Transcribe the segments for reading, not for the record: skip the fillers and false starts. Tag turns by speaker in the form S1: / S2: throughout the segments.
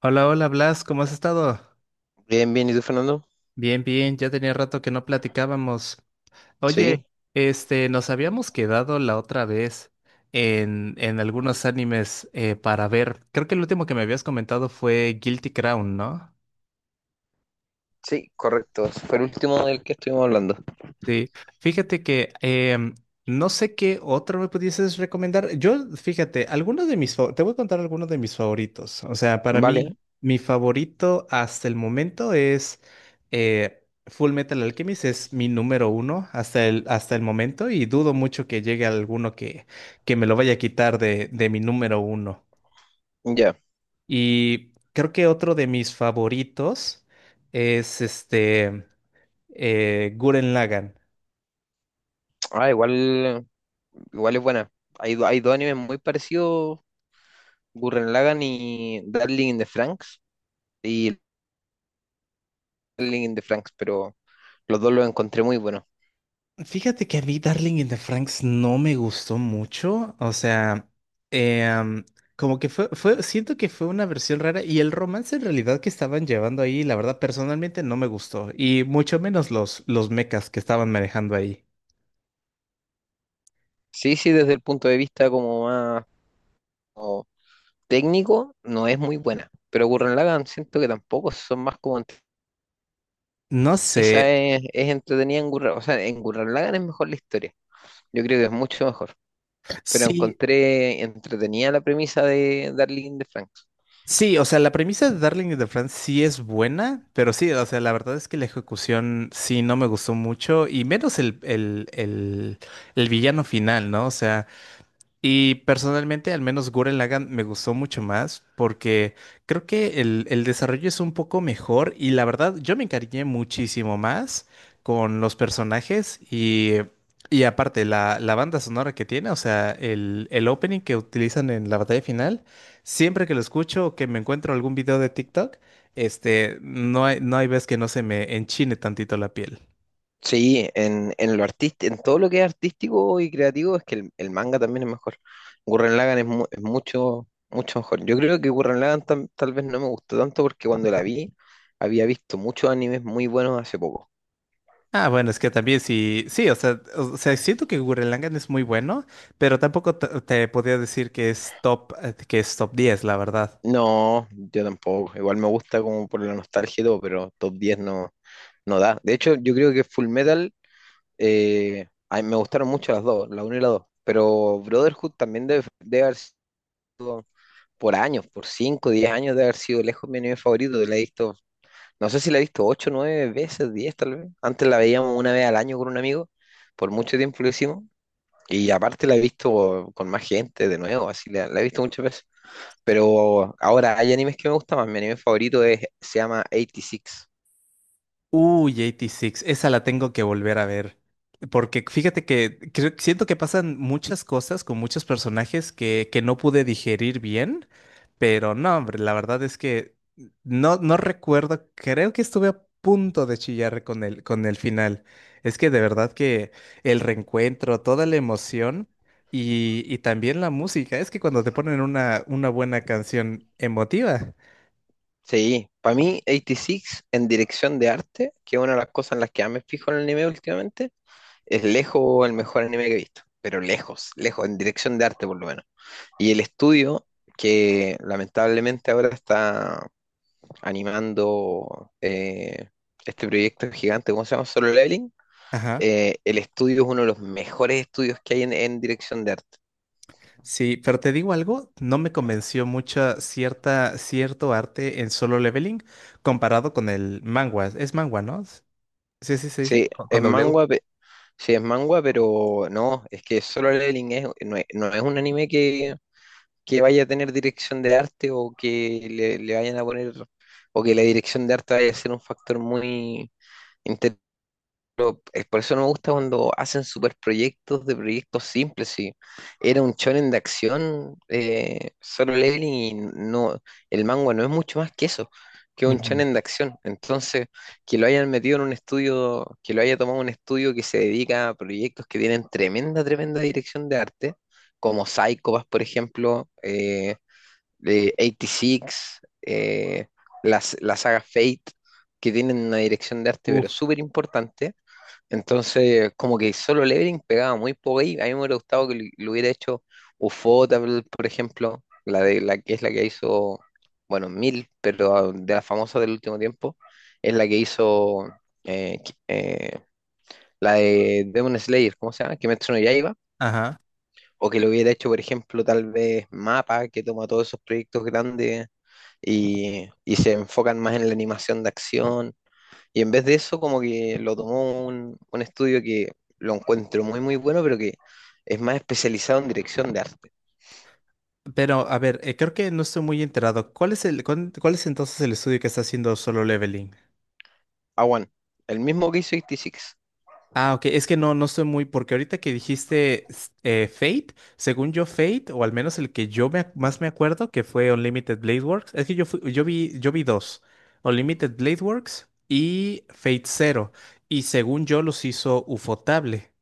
S1: Hola, hola Blas, ¿cómo has estado?
S2: Bien, bien, ¿y tú, Fernando?
S1: Bien, bien, ya tenía rato que no platicábamos.
S2: Sí,
S1: Oye, este, nos habíamos quedado la otra vez en algunos animes para ver. Creo que el último que me habías comentado fue Guilty Crown, ¿no?
S2: sí, correcto. Ese fue el último del que estuvimos hablando.
S1: Sí, fíjate que no sé qué otro me pudieses recomendar. Yo, fíjate, algunos de mis, fa- te voy a contar algunos de mis favoritos. O sea, para mí,
S2: Vale,
S1: mi favorito hasta el momento es Full Metal Alchemist, es mi número uno hasta el momento y dudo mucho que llegue alguno que me lo vaya a quitar de mi número uno.
S2: ya.
S1: Y creo que otro de mis favoritos es este Gurren Lagann.
S2: Ah, igual, igual es buena. Hay, hay dos animes muy parecidos, Gurren Lagann y Darling in the Franxx, y Darling in the Franxx, pero los dos los encontré muy buenos.
S1: Fíjate que a mí Darling in the Franks no me gustó mucho, o sea, em, como que siento que fue una versión rara y el romance en realidad que estaban llevando ahí, la verdad personalmente no me gustó y mucho menos los mechas que estaban manejando ahí.
S2: Sí, sí, desde el punto de vista como más como técnico, no es muy buena, pero Gurren Lagann siento que tampoco, son más como...
S1: No sé,
S2: Esa es entretenida en Gurren, o sea, en Gurren Lagann es mejor la historia. Yo creo que es mucho mejor. Pero
S1: sí,
S2: encontré entretenida la premisa de Darling de Franks.
S1: sí, o sea, la premisa de Darling in the Franxx sí es buena, pero sí, o sea, la verdad es que la ejecución sí no me gustó mucho y menos el villano final, ¿no? O sea. Y personalmente, al menos Gurren Lagann me gustó mucho más porque creo que el desarrollo es un poco mejor y la verdad yo me encariñé muchísimo más con los personajes y aparte la banda sonora que tiene, o sea, el opening que utilizan en la batalla final, siempre que lo escucho o que me encuentro algún video de TikTok, este, no hay vez que no se me enchine tantito la piel.
S2: Sí, en lo en todo lo que es artístico y creativo es que el manga también es mejor. Gurren Lagann es, es mucho, mucho mejor. Yo creo que Gurren Lagann tal vez no me gustó tanto porque cuando la vi había visto muchos animes muy buenos hace poco.
S1: Ah, bueno, es que también sí, sí, o sea, siento que Gurren Lagann es muy bueno, pero tampoco te podría decir que es top 10, la verdad.
S2: No, yo tampoco. Igual me gusta como por la nostalgia y todo, pero top 10 no, no da. De hecho, yo creo que Full Metal... a mí me gustaron mucho las dos, la uno y la dos. Pero Brotherhood también debe, debe haber sido por años, por 5 10 años, debe haber sido lejos mi anime favorito. La he visto, no sé si la he visto 8 9 veces, 10 tal vez. Antes la veíamos 1 vez al año con un amigo, por mucho tiempo lo hicimos. Y aparte la he visto con más gente de nuevo, así la, la he visto muchas veces. Pero ahora hay animes que me gustan más. Mi anime favorito es, se llama 86.
S1: Uy, 86, esa la tengo que volver a ver. Porque fíjate que siento que pasan muchas cosas con muchos personajes que no pude digerir bien, pero no, hombre, la verdad es que no recuerdo, creo que estuve a punto de chillar con el final. Es que de verdad que el reencuentro, toda la emoción y también la música, es que cuando te ponen una buena canción emotiva,
S2: Sí, para mí 86 en dirección de arte, que es una de las cosas en las que más me fijo en el anime últimamente, es lejos el mejor anime que he visto, pero lejos, lejos, en dirección de arte por lo menos. Y el estudio, que lamentablemente ahora está animando este proyecto gigante, ¿cómo se llama? Solo Leveling,
S1: ajá.
S2: el estudio es uno de los mejores estudios que hay en dirección de arte.
S1: Sí, pero te digo algo, no me convenció mucho cierta, cierto arte en Solo Leveling comparado con el manga. Es manga, ¿no? Sí, sí se dice,
S2: Sí,
S1: con
S2: es
S1: W.
S2: manga, sí, es manga, pero no, es que Solo Leveling es, no es, no es un anime que vaya a tener dirección de arte o que le vayan a poner, o que la dirección de arte vaya a ser un factor muy... inter- Por eso no me gusta cuando hacen super proyectos de proyectos simples. Si era un shonen de acción, solo leveling y no, el manga no es mucho más que eso, que un
S1: Ujú.
S2: shonen de acción. Entonces, que lo hayan metido en un estudio, que lo haya tomado un estudio que se dedica a proyectos que tienen tremenda, tremenda dirección de arte, como Psycho Pass, por ejemplo, 86, las, la saga Fate, que tienen una dirección de arte
S1: Uf.
S2: pero súper importante. Entonces, como que solo Levering pegaba muy poco ahí. A mí me hubiera gustado que lo hubiera hecho Ufotable, por ejemplo, la de la que es la que hizo, bueno, Mil, pero ah, de las famosas del último tiempo, es la que hizo eh, qui- eh, la de Demon Slayer, ¿cómo se llama? Kimetsu no Yaiba.
S1: Ajá.
S2: O que lo hubiera hecho, por ejemplo, tal vez Mapa, que toma todos esos proyectos grandes y se enfocan más en la animación de acción. Y en vez de eso, como que lo tomó un estudio que lo encuentro muy, muy bueno, pero que es más especializado en dirección de arte.
S1: Pero, a ver, creo que no estoy muy enterado. ¿Cuál es entonces el estudio que está haciendo Solo Leveling?
S2: Awan, el mismo que hizo 86.
S1: Ah, ok, es que no, no estoy muy, porque ahorita que dijiste Fate, según yo Fate, o al menos el que más me acuerdo, que fue Unlimited Blade Works, es que yo vi dos, Unlimited Blade Works y Fate Zero, y según yo los hizo Ufotable,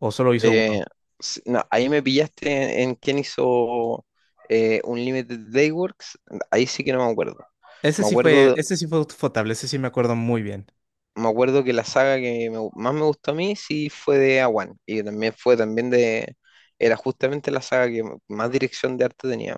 S1: o solo hizo uno.
S2: Eh, no, ahí me pillaste en quién hizo Unlimited Dayworks. Ahí sí que no me acuerdo.
S1: Ese
S2: Me
S1: sí fue,
S2: acuerdo
S1: ese sí fue Ufotable, ese sí me acuerdo muy bien.
S2: Me acuerdo que la saga que me más me gustó a mí sí fue de A1 y también fue también de, era justamente la saga que más dirección de arte tenía.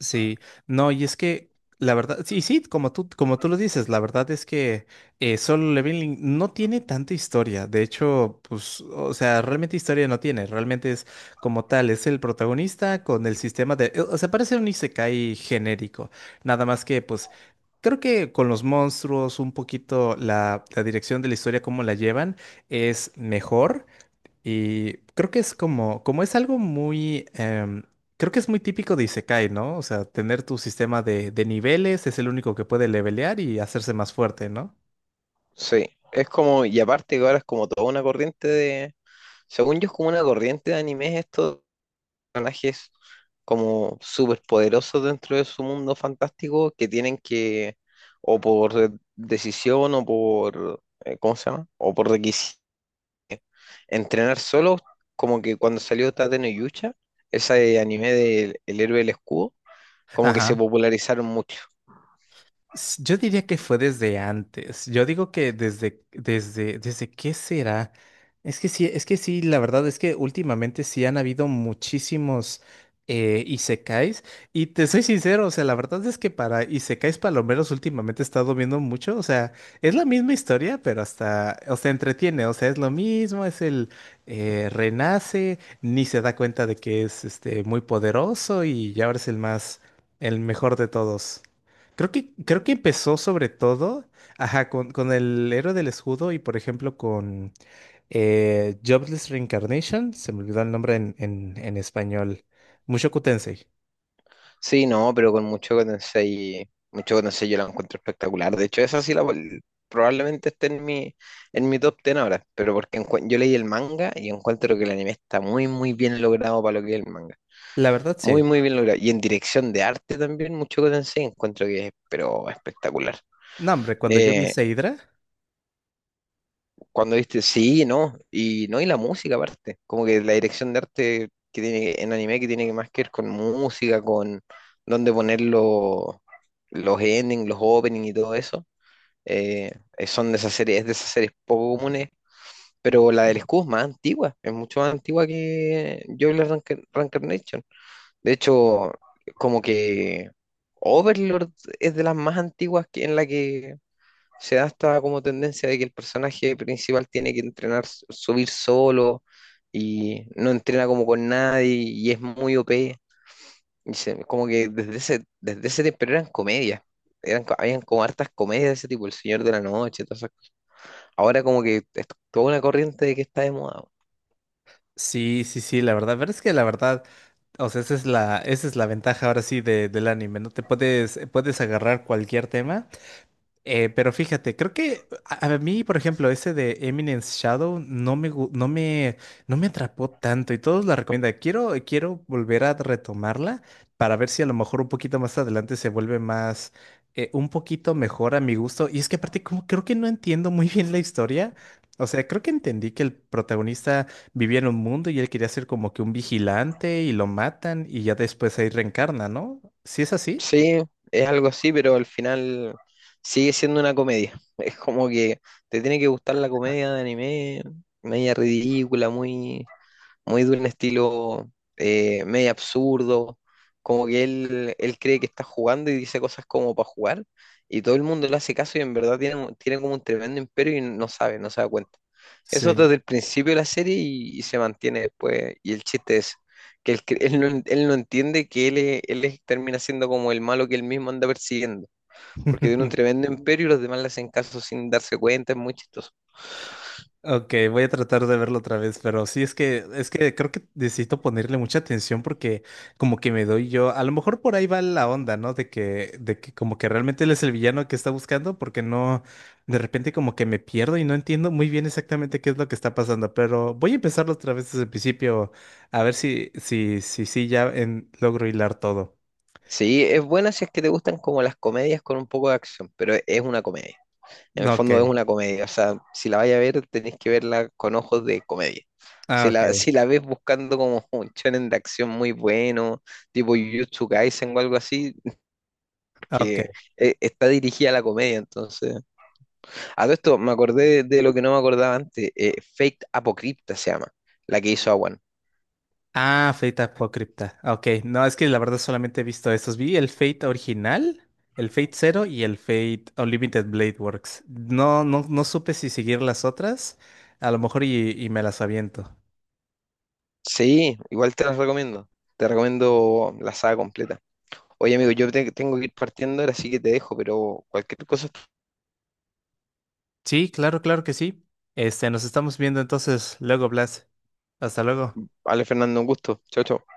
S1: Sí, no, y es que la verdad, sí, sí, como tú lo dices, la verdad es que Solo Leveling no tiene tanta historia. De hecho, pues, o sea, realmente historia no tiene. Realmente es como tal, es el protagonista con el sistema o sea, parece un isekai genérico. Nada más que, pues, creo que con los monstruos, un poquito la dirección de la historia, cómo la llevan, es mejor. Y creo que es como, como es algo muy, creo que es muy típico de isekai, ¿no? O sea, tener tu sistema de niveles es el único que puede levelear y hacerse más fuerte, ¿no?
S2: Sí, es como, y aparte que ahora es como toda una corriente de, según yo es como una corriente de animes estos personajes como súper poderosos dentro de su mundo fantástico que tienen que, o por decisión o por, ¿cómo se llama? O por requisito entrenar solo, como que cuando salió Tate no Yucha, ese anime de El héroe del escudo, como que se
S1: Ajá.
S2: popularizaron mucho.
S1: Yo diría que fue desde antes. Yo digo que desde qué será. Es que sí, la verdad es que últimamente sí han habido muchísimos isekais. Y te soy sincero, o sea, la verdad es que para isekais palomeros últimamente he estado viendo mucho. O sea, es la misma historia, pero hasta, o sea, entretiene. O sea, es lo mismo, es el renace, ni se da cuenta de que es este muy poderoso y ya ahora es el más, el mejor de todos. Creo que empezó sobre todo, ajá, con el héroe del escudo y por ejemplo con Jobless Reincarnation, se me olvidó el nombre en español, Mushoku Tensei.
S2: Sí, no, pero con mucho Tensei yo la encuentro espectacular. De hecho, esa sí la probablemente esté en mi top 10 ahora, pero porque yo leí el manga y encuentro que el anime está muy, muy bien logrado para lo que es el manga.
S1: La verdad
S2: Muy,
S1: sí.
S2: muy bien logrado. Y en dirección de arte también, mucho Tensei encuentro que es, pero espectacular.
S1: No, hombre, cuando yo vi
S2: Eh,
S1: esa Hydra,
S2: Cuando viste, sí, no, y no, y la música aparte, como que la dirección de arte que tiene en anime que tiene que más que ver con música, con dónde poner los endings, los openings y todo eso, eh, son de esas series, es de esas series poco comunes, pero la del Scoob es más antigua, es mucho más antigua que Jobless Reincarnation. De hecho, como que Overlord es de las más antiguas que, en la que se da esta como tendencia de que el personaje principal tiene que entrenar, subir solo y no entrena como con nadie y es muy OP. Como que desde ese tiempo pero eran comedias. Eran, habían como hartas comedias de ese tipo, El Señor de la Noche, todas esas cosas. Ahora como que es toda una corriente de que está de moda.
S1: sí, sí, sí, la verdad, pero es que la verdad, o sea, esa es la ventaja ahora sí de, del anime, ¿no? Puedes agarrar cualquier tema. Pero fíjate, creo que a mí, por ejemplo, ese de Eminence Shadow no me, gu- no me, no me atrapó tanto y todos la recomiendan. Quiero volver a retomarla para ver si a lo mejor un poquito más adelante se vuelve más, un poquito mejor a mi gusto. Y es que aparte, como creo que no entiendo muy bien la historia. O sea, creo que entendí que el protagonista vivía en un mundo y él quería ser como que un vigilante y lo matan y ya después ahí reencarna, ¿no? ¿Sí es así?
S2: Sí, es algo así, pero al final sigue siendo una comedia. Es como que te tiene que gustar la comedia de anime, media ridícula, muy muy de un estilo medio absurdo, como que él cree que está jugando y dice cosas como para jugar, y todo el mundo le hace caso y en verdad tiene, tiene como un tremendo imperio y no sabe, no se da cuenta. Eso
S1: Sí.
S2: desde el principio de la serie y se mantiene después, y el chiste es que él, él no, él no entiende que él, él termina siendo como el malo que él mismo anda persiguiendo, porque tiene un tremendo imperio y los demás le hacen caso sin darse cuenta, es muy chistoso.
S1: Ok, voy a tratar de verlo otra vez, pero sí es que creo que necesito ponerle mucha atención porque como que me doy yo, a lo mejor por ahí va la onda, ¿no? De que como que realmente él es el villano que está buscando porque no de repente como que me pierdo y no entiendo muy bien exactamente qué es lo que está pasando, pero voy a empezarlo otra vez desde el principio a ver si logro hilar todo.
S2: Sí, es buena si es que te gustan como las comedias con un poco de acción, pero es una comedia. En el
S1: No, ok.
S2: fondo es una comedia, o sea, si la vais a ver, tenéis que verla con ojos de comedia.
S1: Ah,
S2: Si
S1: ok.
S2: la, si la ves buscando como un shonen de acción muy bueno, tipo Jujutsu Kaisen o algo así,
S1: Ok.
S2: que está dirigida a la comedia, entonces. A todo esto me acordé de lo que no me acordaba antes, Fate Apocrypta se llama, la que hizo Awan.
S1: Ah, Fate Apócripta. Ok, no, es que la verdad solamente he visto estos. Vi el Fate original, el Fate Zero y el Fate Unlimited Blade Works. No, no, no supe si seguir las otras. A lo mejor y me las aviento.
S2: Sí, igual te las recomiendo, te recomiendo la saga completa. Oye amigo, yo tengo que ir partiendo ahora, así que te dejo, pero cualquier cosa,
S1: Sí, claro, claro que sí. Este, nos estamos viendo entonces luego, Blas. Hasta luego.
S2: vale Fernando, un gusto. Chao, chao.